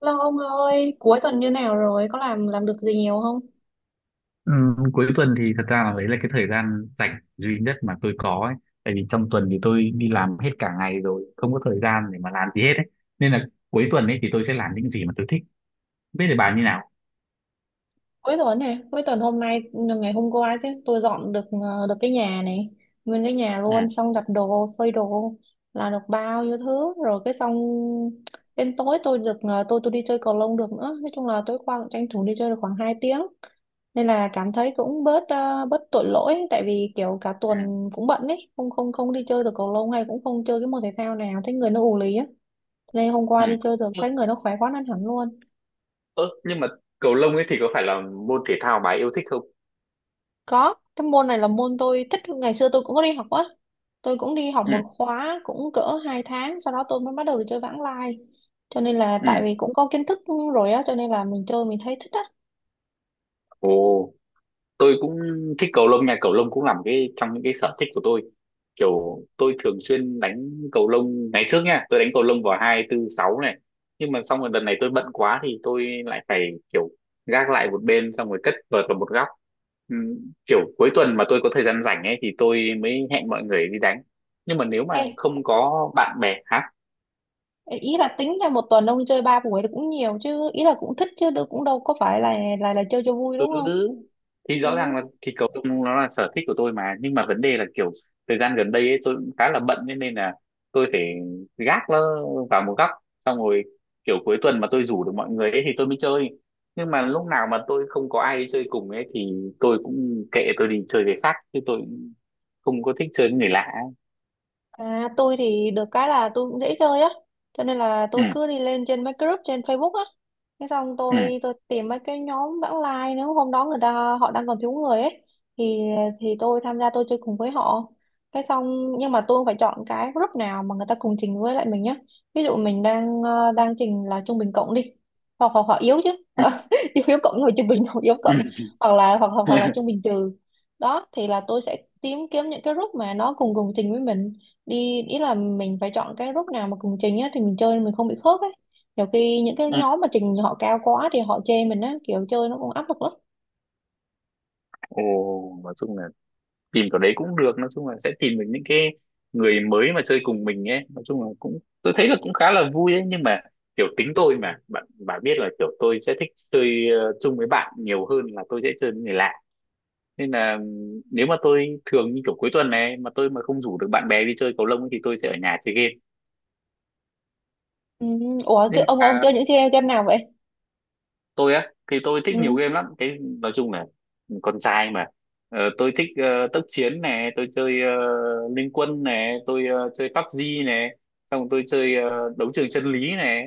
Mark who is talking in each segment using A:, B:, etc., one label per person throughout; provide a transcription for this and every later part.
A: Lo ông ơi, cuối tuần như nào rồi? Có làm được gì nhiều không?
B: Cuối tuần thì thật ra là đấy là cái thời gian rảnh duy nhất mà tôi có ấy. Tại vì trong tuần thì tôi đi làm hết cả ngày rồi, không có thời gian để mà làm gì hết ấy. Nên là cuối tuần ấy thì tôi sẽ làm những gì mà tôi thích. Biết thì bà như nào?
A: Cuối tuần hôm nay ngày hôm qua chứ tôi dọn được được cái nhà này, nguyên cái nhà
B: Ừ,
A: luôn, xong đặt đồ phơi đồ là được bao nhiêu thứ rồi, cái xong đến tối tôi được tôi đi chơi cầu lông được nữa. Nói chung là tối qua cũng tranh thủ đi chơi được khoảng 2 tiếng, nên là cảm thấy cũng bớt bớt tội lỗi, tại vì kiểu cả
B: ừ,
A: tuần cũng bận ấy, không không không đi chơi được cầu lông hay cũng không chơi cái môn thể thao nào, thấy người nó ù lì á. Đây hôm
B: ừ.
A: qua đi chơi được
B: Ơ,
A: thấy người nó khỏe quá nên hẳn luôn.
B: ơ, nhưng mà cầu lông ấy thì có phải là môn thể thao bà ấy yêu thích không?
A: Có, cái môn này là môn tôi thích, ngày xưa tôi cũng có đi học á. Tôi cũng đi học
B: Ừ,
A: một khóa cũng cỡ 2 tháng, sau đó tôi mới bắt đầu đi chơi vãng lai. Cho nên là
B: ừ.
A: tại vì cũng có kiến thức rồi á, cho nên là mình chơi mình thấy thích á.
B: Ồ. Tôi cũng thích cầu lông nha, cầu lông cũng làm cái trong những cái sở thích của tôi, kiểu tôi thường xuyên đánh cầu lông ngày trước nha, tôi đánh cầu lông vào hai tư sáu này. Nhưng mà xong rồi đợt này tôi bận quá thì tôi lại phải kiểu gác lại một bên, xong rồi cất vợt vào một góc. Kiểu cuối tuần mà tôi có thời gian rảnh ấy thì tôi mới hẹn mọi người đi đánh, nhưng mà nếu mà
A: Ê,
B: không có bạn bè hả.
A: ý là tính là một tuần ông đi chơi 3 buổi thì cũng nhiều chứ, ý là cũng thích chứ đâu, cũng đâu có phải là là chơi cho vui
B: Ừ,
A: đúng không?
B: thì rõ
A: Ừ.
B: ràng là thịt cầu lông nó là sở thích của tôi mà, nhưng mà vấn đề là kiểu thời gian gần đây ấy, tôi cũng khá là bận, thế nên là tôi phải gác nó vào một góc, xong rồi kiểu cuối tuần mà tôi rủ được mọi người ấy thì tôi mới chơi. Nhưng mà lúc nào mà tôi không có ai đi chơi cùng ấy thì tôi cũng kệ, tôi đi chơi với khác, chứ tôi cũng không có thích chơi với người lạ ấy.
A: À, tôi thì được cái là tôi cũng dễ chơi á, cho nên là
B: Ừ,
A: tôi cứ đi lên trên mấy cái group trên Facebook á, thế xong
B: ừ,
A: tôi tìm mấy cái nhóm vãng lai, nếu hôm đó người ta họ đang còn thiếu người ấy, thì tôi tham gia tôi chơi cùng với họ. Cái xong nhưng mà tôi phải chọn cái group nào mà người ta cùng trình với lại mình nhá. Ví dụ mình đang đang trình là trung bình cộng đi, hoặc hoặc họ yếu chứ, yếu, yếu cộng rồi trung bình hoặc yếu
B: ừ,
A: cộng,
B: ừ.
A: hoặc là hoặc hoặc hoặc là trung bình trừ. Đó thì là tôi sẽ tìm kiếm những cái group mà nó cùng cùng trình với mình đi, ý là mình phải chọn cái group nào mà cùng trình á thì mình chơi mình không bị khớp ấy. Nhiều khi những cái nhóm mà trình họ cao quá thì họ chê mình á, kiểu chơi nó cũng áp lực lắm.
B: Ồ, nói chung là tìm kiểu đấy cũng được, nói chung là sẽ tìm được những cái người mới mà chơi cùng mình ấy, nói chung là cũng tôi thấy là cũng khá là vui ấy. Nhưng mà kiểu tính tôi mà bạn bạn biết là kiểu tôi sẽ thích chơi chung với bạn nhiều hơn là tôi sẽ chơi với người lạ. Nên là nếu mà tôi thường như kiểu cuối tuần này mà tôi mà không rủ được bạn bè đi chơi cầu lông ấy thì tôi sẽ ở nhà chơi game.
A: Ừ. Ủa cái
B: Nhưng
A: ông
B: mà
A: chơi những game game nào vậy?
B: tôi thì tôi thích nhiều
A: Ừ.
B: game lắm, cái nói chung là con trai mà. Tôi thích tốc chiến này, tôi chơi Liên Quân này, tôi chơi PUBG này, xong rồi tôi chơi đấu trường chân lý này.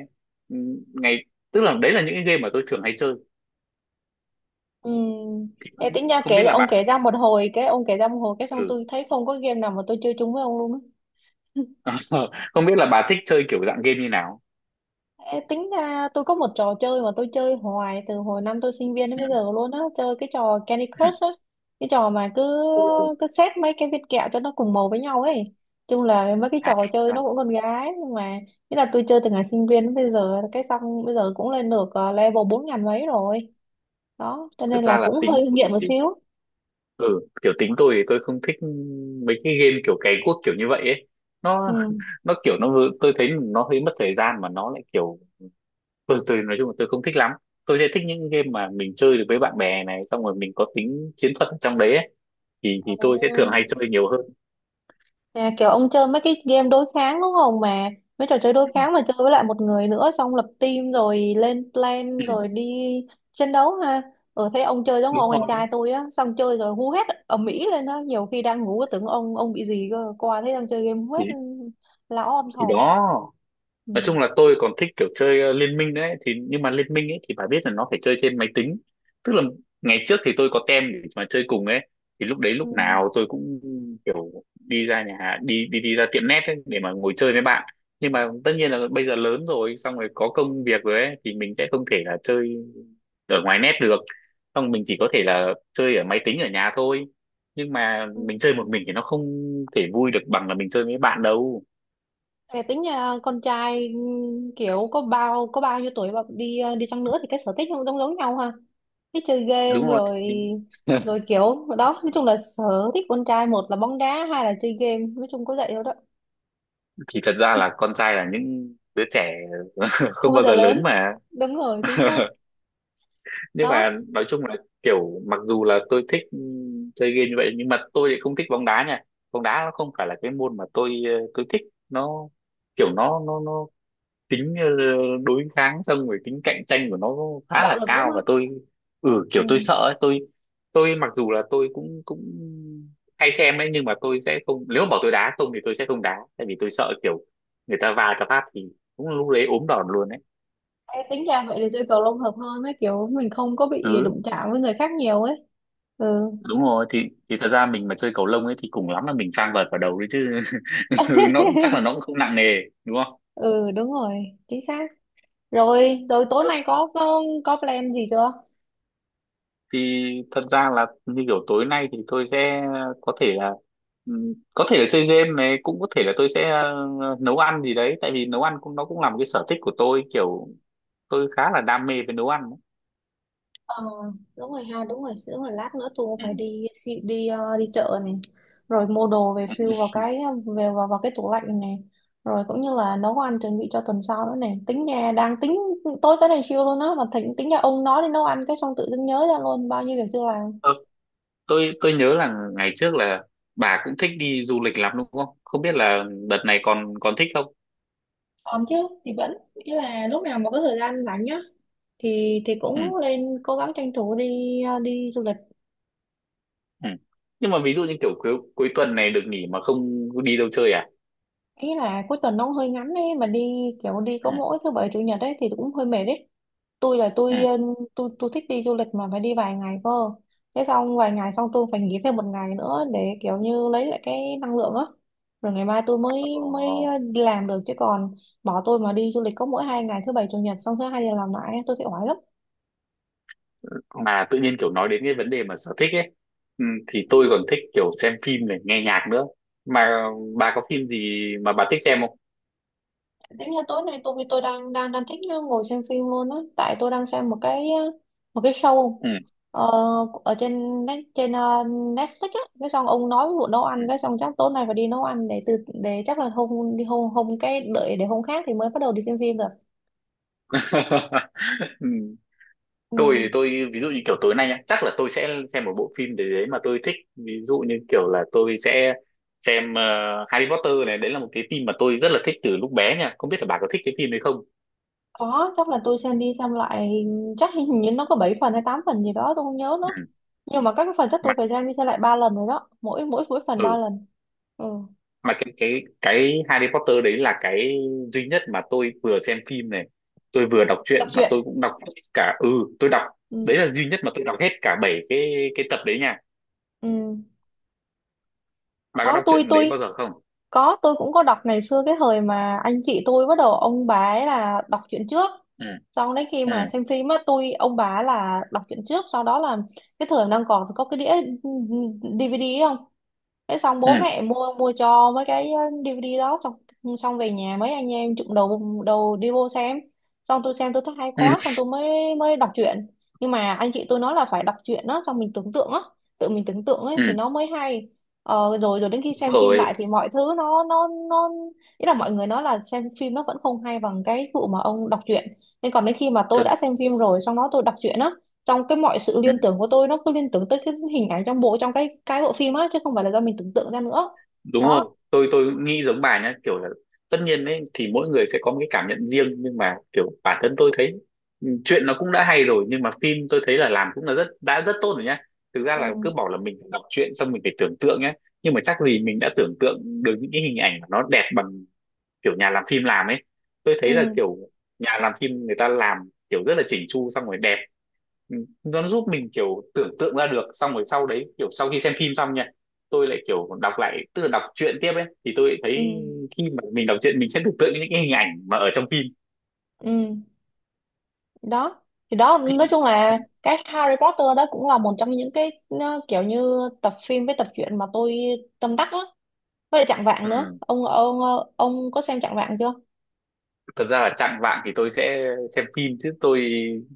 B: Ừ, Ngày, tức là đấy là những cái game mà tôi thường hay chơi,
A: Ừ.
B: thì
A: Ê,
B: cũng
A: tính ra
B: không biết
A: kể
B: là
A: ông
B: bà
A: kể
B: thích.
A: ra một hồi cái ông kể ra một hồi cái xong
B: Ừ.
A: tôi thấy không có game nào mà tôi chơi chung với ông luôn á.
B: Không biết là bà thích chơi kiểu dạng game như nào.
A: Ê, tính ra tôi có một trò chơi mà tôi chơi hoài từ hồi năm tôi sinh viên đến bây
B: Ừ.
A: giờ luôn á, chơi cái trò Candy Crush á, cái trò mà cứ
B: Ừ. Ồ,
A: cứ xếp mấy cái viên kẹo cho nó cùng màu với nhau ấy. Chung là mấy cái
B: à,
A: trò chơi nó
B: à,
A: cũng con gái, nhưng mà nghĩa là tôi chơi từ ngày sinh viên đến bây giờ, cái xong bây giờ cũng lên được level bốn ngàn mấy rồi. Đó cho
B: thật
A: nên
B: ra
A: là
B: là
A: cũng
B: tính
A: hơi
B: tôi,
A: nghiện một xíu.
B: ừ kiểu tính tôi thì tôi không thích mấy cái game kiểu cày cuốc kiểu như vậy ấy, nó
A: Ừ.
B: nó kiểu nó vừa- tôi thấy nó hơi mất thời gian mà nó lại kiểu, tôi nói chung là tôi không thích lắm. Tôi sẽ thích những game mà mình chơi được với bạn bè này, xong rồi mình có tính chiến thuật ở trong đấy ấy. Thì tôi sẽ thường hay
A: À,
B: chơi nhiều hơn.
A: à, kiểu ông chơi mấy cái game đối kháng đúng không, mà mấy trò chơi đối
B: Ừ.
A: kháng mà chơi với lại một người nữa, xong lập team rồi lên
B: Ừ.
A: plan rồi đi chiến đấu ha. Ừ, thấy ông chơi giống
B: Đúng
A: ông anh
B: rồi,
A: trai tôi á, xong chơi rồi hú hét ầm ĩ lên á, nhiều khi đang ngủ tưởng ông bị gì cơ, qua thấy đang chơi game hú hét,
B: thì
A: lão om
B: thì
A: sòm.
B: đó,
A: Ừ.
B: nói chung là tôi còn thích kiểu chơi liên minh đấy thì, nhưng mà liên minh ấy thì bà biết là nó phải chơi trên máy tính. Tức là ngày trước thì tôi có tem để mà chơi cùng ấy, thì lúc đấy
A: Ừ.
B: lúc nào tôi cũng kiểu đi ra nhà hàng- đi đi đi ra tiệm net ấy để mà ngồi chơi với bạn. Nhưng mà tất nhiên là bây giờ lớn rồi, xong rồi có công việc rồi ấy, thì mình sẽ không thể là chơi ở ngoài net được, xong mình chỉ có thể là chơi ở máy tính ở nhà thôi. Nhưng mà
A: Ừ.
B: mình chơi một mình thì nó không thể vui được bằng là mình chơi với bạn đâu.
A: Thế tính nhà con trai kiểu có bao nhiêu tuổi mà đi đi chăng nữa thì cái sở thích không giống giống nhau ha, cái chơi game
B: Đúng không,
A: rồi rồi kiểu đó. Nói chung là sở thích con trai một là bóng đá hai là chơi game, nói chung có vậy đâu đó.
B: thì thật ra là con trai là những đứa trẻ
A: Không
B: không
A: bao
B: bao
A: giờ
B: giờ lớn
A: lớn,
B: mà.
A: đúng rồi chính xác.
B: Nhưng
A: Đó,
B: mà nói chung là kiểu mặc dù là tôi thích chơi game như vậy, nhưng mà tôi lại không thích bóng đá nha. Bóng đá nó không phải là cái môn mà tôi tôi thích. Nó kiểu nó tính đối kháng, xong rồi tính cạnh tranh của nó khá
A: bạo
B: là
A: lực đúng
B: cao,
A: không.
B: và tôi, ừ kiểu tôi
A: Ừ.
B: sợ ấy, tôi mặc dù là tôi cũng cũng hay xem ấy, nhưng mà tôi sẽ không, nếu mà bảo tôi đá không thì tôi sẽ không đá, tại vì tôi sợ kiểu người ta va cho phát thì cũng lúc đấy ốm đòn luôn ấy.
A: Ê, tính ra vậy thì chơi cầu lông hợp hơn ấy, kiểu mình không có bị
B: Ừ,
A: đụng chạm với người khác nhiều ấy. Ừ.
B: đúng rồi, thì thật ra mình mà chơi cầu lông ấy thì cùng lắm là mình phang vợt vào đầu đấy chứ. Nó cũng- chắc là nó cũng không nặng nề. Đúng không,
A: Ừ, đúng rồi chính xác. Rồi rồi tối nay có plan gì chưa?
B: thì thật ra là như kiểu tối nay thì tôi sẽ có thể là có thể là chơi game này, cũng có thể là tôi sẽ nấu ăn gì đấy, tại vì nấu ăn cũng nó cũng là một cái sở thích của tôi, kiểu tôi khá là đam mê với nấu ăn ấy.
A: Ờ, đúng rồi ha, đúng rồi đúng rồi, lát nữa tôi cũng
B: Ừ.
A: phải đi đi đi, đi chợ này, rồi mua đồ về fill vào cái vào cái tủ lạnh này, rồi cũng như là nấu ăn chuẩn bị cho tuần sau nữa này. Tính nhà đang tính tối tới này siêu luôn á, mà tính tính nhà ông nói đi nấu ăn cái xong tự dưng nhớ ra luôn bao nhiêu việc chưa làm.
B: Ờ, tôi nhớ là ngày trước là bà cũng thích đi du lịch lắm đúng không, không biết là đợt này còn còn thích không.
A: Còn chứ, thì vẫn nghĩa là lúc nào mà có thời gian rảnh nhá thì
B: Ừ.
A: cũng lên cố gắng tranh thủ đi đi du lịch.
B: Ừ. Nhưng mà ví dụ như kiểu cuối cuối tuần này được nghỉ mà không đi đâu chơi à.
A: Ý là cuối tuần nó cũng hơi ngắn ấy, mà đi kiểu đi có
B: Ừ.
A: mỗi thứ bảy chủ nhật ấy thì cũng hơi mệt ấy. Tôi là
B: Ừ.
A: tôi tôi thích đi du lịch mà phải đi vài ngày cơ, thế xong vài ngày xong tôi phải nghỉ thêm một ngày nữa để kiểu như lấy lại cái năng lượng á, rồi ngày mai tôi mới mới
B: Ờ.
A: đi làm được, chứ còn bỏ tôi mà đi du lịch có mỗi hai ngày thứ bảy chủ nhật, xong thứ hai giờ làm lại tôi thấy oải lắm.
B: Mà tự nhiên kiểu nói đến cái vấn đề mà sở thích ấy, ừ, thì tôi còn thích kiểu xem phim này, nghe nhạc nữa. Mà bà có phim gì mà bà thích xem không.
A: Tính là tối nay tôi đang đang đang thích ngồi xem phim luôn á, tại tôi đang xem một cái show
B: Ừ.
A: ờ, trên Netflix á, cái xong ông nói vụ nấu ăn cái xong chắc tối nay phải đi nấu ăn. Để từ để Chắc là hôm đi hôm hôm cái đợi để hôm khác thì mới bắt đầu đi xem phim được.
B: Ừ.
A: Ừ.
B: Tôi ví dụ như kiểu tối nay nhá, chắc là tôi sẽ xem một bộ phim để đấy mà tôi thích, ví dụ như kiểu là tôi sẽ xem Harry Potter này, đấy là một cái phim mà tôi rất là thích từ lúc bé nha, không biết là bà có thích cái phim đấy không.
A: Có, chắc là tôi xem đi xem lại. Chắc hình như nó có 7 phần hay 8 phần gì đó tôi không nhớ nữa,
B: Ừ.
A: nhưng mà các cái phần chắc tôi
B: Mà-
A: phải xem đi xem lại ba lần rồi đó, mỗi mỗi mỗi phần ba
B: ừ,
A: lần. Ừ.
B: mà cái cái Harry Potter đấy là cái duy nhất mà tôi vừa xem phim này, tôi vừa đọc
A: Tập
B: truyện mà
A: truyện.
B: tôi cũng đọc hết cả, ừ tôi đọc, đấy
A: Ừ.
B: là duy nhất mà tôi đọc hết cả 7 cái tập đấy nha.
A: Ừ.
B: Bà có
A: Đó
B: đọc
A: tôi
B: truyện đấy bao giờ không.
A: có, tôi cũng có đọc ngày xưa, cái thời mà anh chị tôi bắt đầu ông bà ấy là đọc truyện trước.
B: Ừ,
A: Sau đấy khi
B: ừ,
A: mà xem phim á, tôi ông bà là đọc truyện trước, sau đó là cái thời đang còn có cái đĩa DVD ấy không? Thế xong
B: ừ,
A: bố mẹ mua mua cho mấy cái DVD đó, xong xong về nhà mấy anh em chụm đầu đầu đi vô xem, xong tôi xem tôi thấy hay
B: ừ,
A: quá, xong tôi mới mới đọc truyện. Nhưng mà anh chị tôi nói là phải đọc truyện đó xong mình tưởng tượng á, tự mình tưởng tượng ấy thì
B: ừ.
A: nó mới hay. Ờ, rồi rồi đến khi
B: Đúng
A: xem phim
B: rồi,
A: lại thì mọi thứ nó, ý là mọi người nói là xem phim nó vẫn không hay bằng cái vụ mà ông đọc truyện, nên còn đến khi mà tôi
B: thật,
A: đã xem phim rồi xong đó tôi đọc truyện á, trong cái mọi sự
B: ừ.
A: liên tưởng của tôi nó cứ liên tưởng tới cái hình ảnh trong bộ trong cái bộ phim á, chứ không phải là do mình tưởng tượng ra nữa.
B: Đúng rồi,
A: Đó.
B: tôi nghĩ giống bà nhá, kiểu là tất nhiên ấy thì mỗi người sẽ có một cái cảm nhận riêng, nhưng mà kiểu bản thân tôi thấy ừ, chuyện nó cũng đã hay rồi, nhưng mà phim tôi thấy là làm cũng là rất đã rất tốt rồi nhá. Thực ra
A: Ừ.
B: là cứ bảo là mình phải đọc truyện, xong mình phải tưởng tượng nhá, nhưng mà chắc gì mình đã tưởng tượng được những cái hình ảnh mà nó đẹp bằng kiểu nhà làm phim làm ấy. Tôi thấy là
A: Ừ.
B: kiểu nhà làm phim người ta làm kiểu rất là chỉnh chu, xong rồi đẹp. Ừ, nó giúp mình kiểu tưởng tượng ra được, xong rồi sau đấy kiểu sau khi xem phim xong nha, tôi lại kiểu đọc lại, tức là đọc truyện tiếp ấy, thì tôi lại
A: Ừ.
B: thấy khi mà mình đọc truyện mình sẽ tưởng tượng những cái hình ảnh mà ở trong phim.
A: Ừ. Đó thì đó, nói
B: Thì
A: chung là cái Harry Potter đó cũng là một trong những cái nó kiểu như tập phim với tập truyện mà tôi tâm đắc á, với lại Chạng Vạng nữa.
B: ừ,
A: Ông ông có xem Chạng Vạng chưa?
B: thật ra là Chạng Vạng thì tôi sẽ xem phim, chứ tôi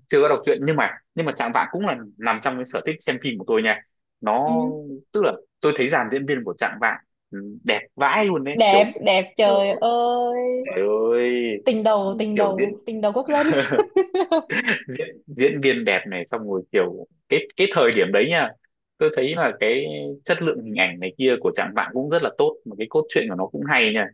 B: chưa có đọc truyện, nhưng mà Chạng Vạng cũng là nằm trong cái sở thích xem phim của tôi nha. Nó
A: Ừ.
B: tức là tôi thấy dàn diễn viên của Chạng Vạng ừ, đẹp vãi luôn đấy
A: Đẹp,
B: kiểu
A: đẹp
B: ờ,
A: trời ơi.
B: Trời ơi.
A: Tình đầu,
B: Kiểu diễn
A: tình đầu quốc dân.
B: diễn diễn viên đẹp này, xong rồi kiểu cái thời điểm đấy nha, tôi thấy là cái chất lượng hình ảnh này kia của Trạng Vạn cũng rất là tốt, mà cái cốt truyện của nó cũng hay nha.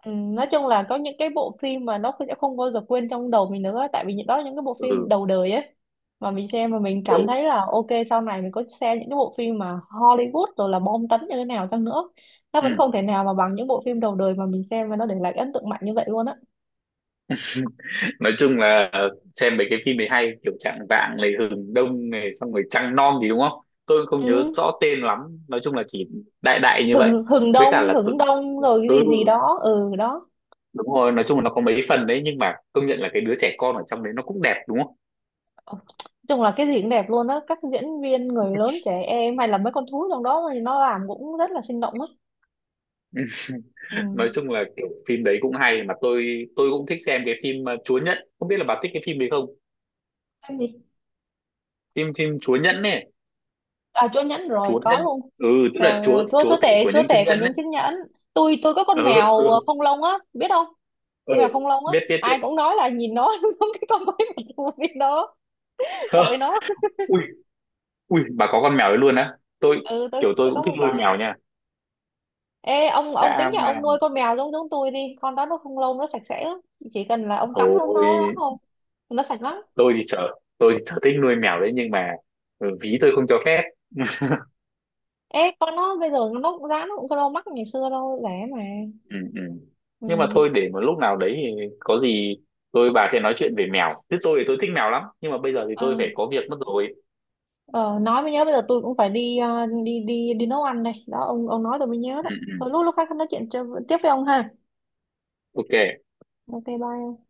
A: Ừ, nói chung là có những cái bộ phim mà nó sẽ không bao giờ quên trong đầu mình nữa, tại vì những- đó là những cái bộ phim
B: Ừ
A: đầu đời ấy mà mình xem, mà mình
B: kiểu
A: cảm thấy là ok sau này mình có xem những cái bộ phim mà Hollywood rồi là bom tấn như thế nào chăng nữa, nó vẫn
B: ừ.
A: không thể nào mà bằng những bộ phim đầu đời mà mình xem và nó để lại ấn tượng mạnh như vậy luôn á.
B: Nói chung là xem mấy cái phim đấy hay, kiểu Trạng Vạn này, Hừng Đông này, xong rồi Trăng Non gì đúng không, tôi cũng không nhớ
A: Ừ.
B: rõ tên lắm. Nói chung là chỉ đại đại như vậy.
A: Hừng Hừng
B: Với cả
A: Đông
B: là tự,
A: Hừng Đông rồi cái
B: ừ
A: gì gì đó ừ đó.
B: đúng rồi, nói chung là nó có mấy phần đấy, nhưng mà công nhận là cái đứa trẻ con ở trong đấy nó cũng đẹp đúng không.
A: Ờ, nói chung là cái gì cũng đẹp luôn á, các diễn viên người lớn trẻ em hay là mấy con thú trong đó thì nó làm cũng rất là sinh động á.
B: Ừ.
A: Ừ.
B: Nói chung là kiểu phim đấy cũng hay, mà tôi cũng thích xem cái phim Chúa Nhẫn, không biết là bà thích cái phim đấy không.
A: Em gì?
B: Phim phim Chúa Nhẫn này,
A: À, chúa nhẫn rồi,
B: Chúa
A: có
B: Nhẫn,
A: luôn.
B: ừ tức là
A: Rồi,
B: chúa
A: rồi chúa chúa
B: chúa tể
A: tể,
B: của
A: chúa
B: những chiếc
A: tể của
B: nhẫn
A: những
B: ấy.
A: chiếc nhẫn. Tôi có con
B: Ừ,
A: mèo
B: ừ,
A: không lông á biết không?
B: ừ.
A: Con mèo không lông á,
B: Biết, biết,
A: ai
B: biết.
A: cũng nói là nhìn nó giống cái con quái vật của biết nó.
B: Hơ,
A: Tội nó.
B: ui, ui bà có con mèo đấy luôn á tôi,
A: Ừ, tôi
B: kiểu tôi
A: tôi có
B: cũng thích
A: một
B: nuôi
A: con.
B: mèo nha.
A: Ê ông, tính
B: Đã
A: nhà ông
B: mà
A: nuôi con mèo giống giống tôi đi, con đó nó không lông, nó sạch sẽ lắm, chỉ cần là ông tắm nó
B: thôi,
A: thôi, nó sạch lắm.
B: tôi thì sợ, tôi thì sở thích nuôi mèo đấy, nhưng mà ừ, ví tôi không cho phép.
A: Ê con nó bây giờ nó cũng giá nó cũng không đâu mắc, ngày xưa đâu rẻ mà.
B: Ừ, ừ.
A: Ừ.
B: Nhưng mà thôi để một lúc nào đấy thì có gì tôi bà sẽ nói chuyện về mèo, chứ tôi thì tôi thích mèo lắm, nhưng mà bây giờ thì tôi
A: À,
B: phải có việc mất rồi.
A: ờ, nói mới nhớ bây giờ tôi cũng phải đi đi nấu ăn đây. Đó ông nói tôi mới nhớ đấy.
B: Ừ, ừ.
A: Thôi lúc lúc khác nói chuyện cho- tiếp với ông ha.
B: Ok.
A: Ok bye.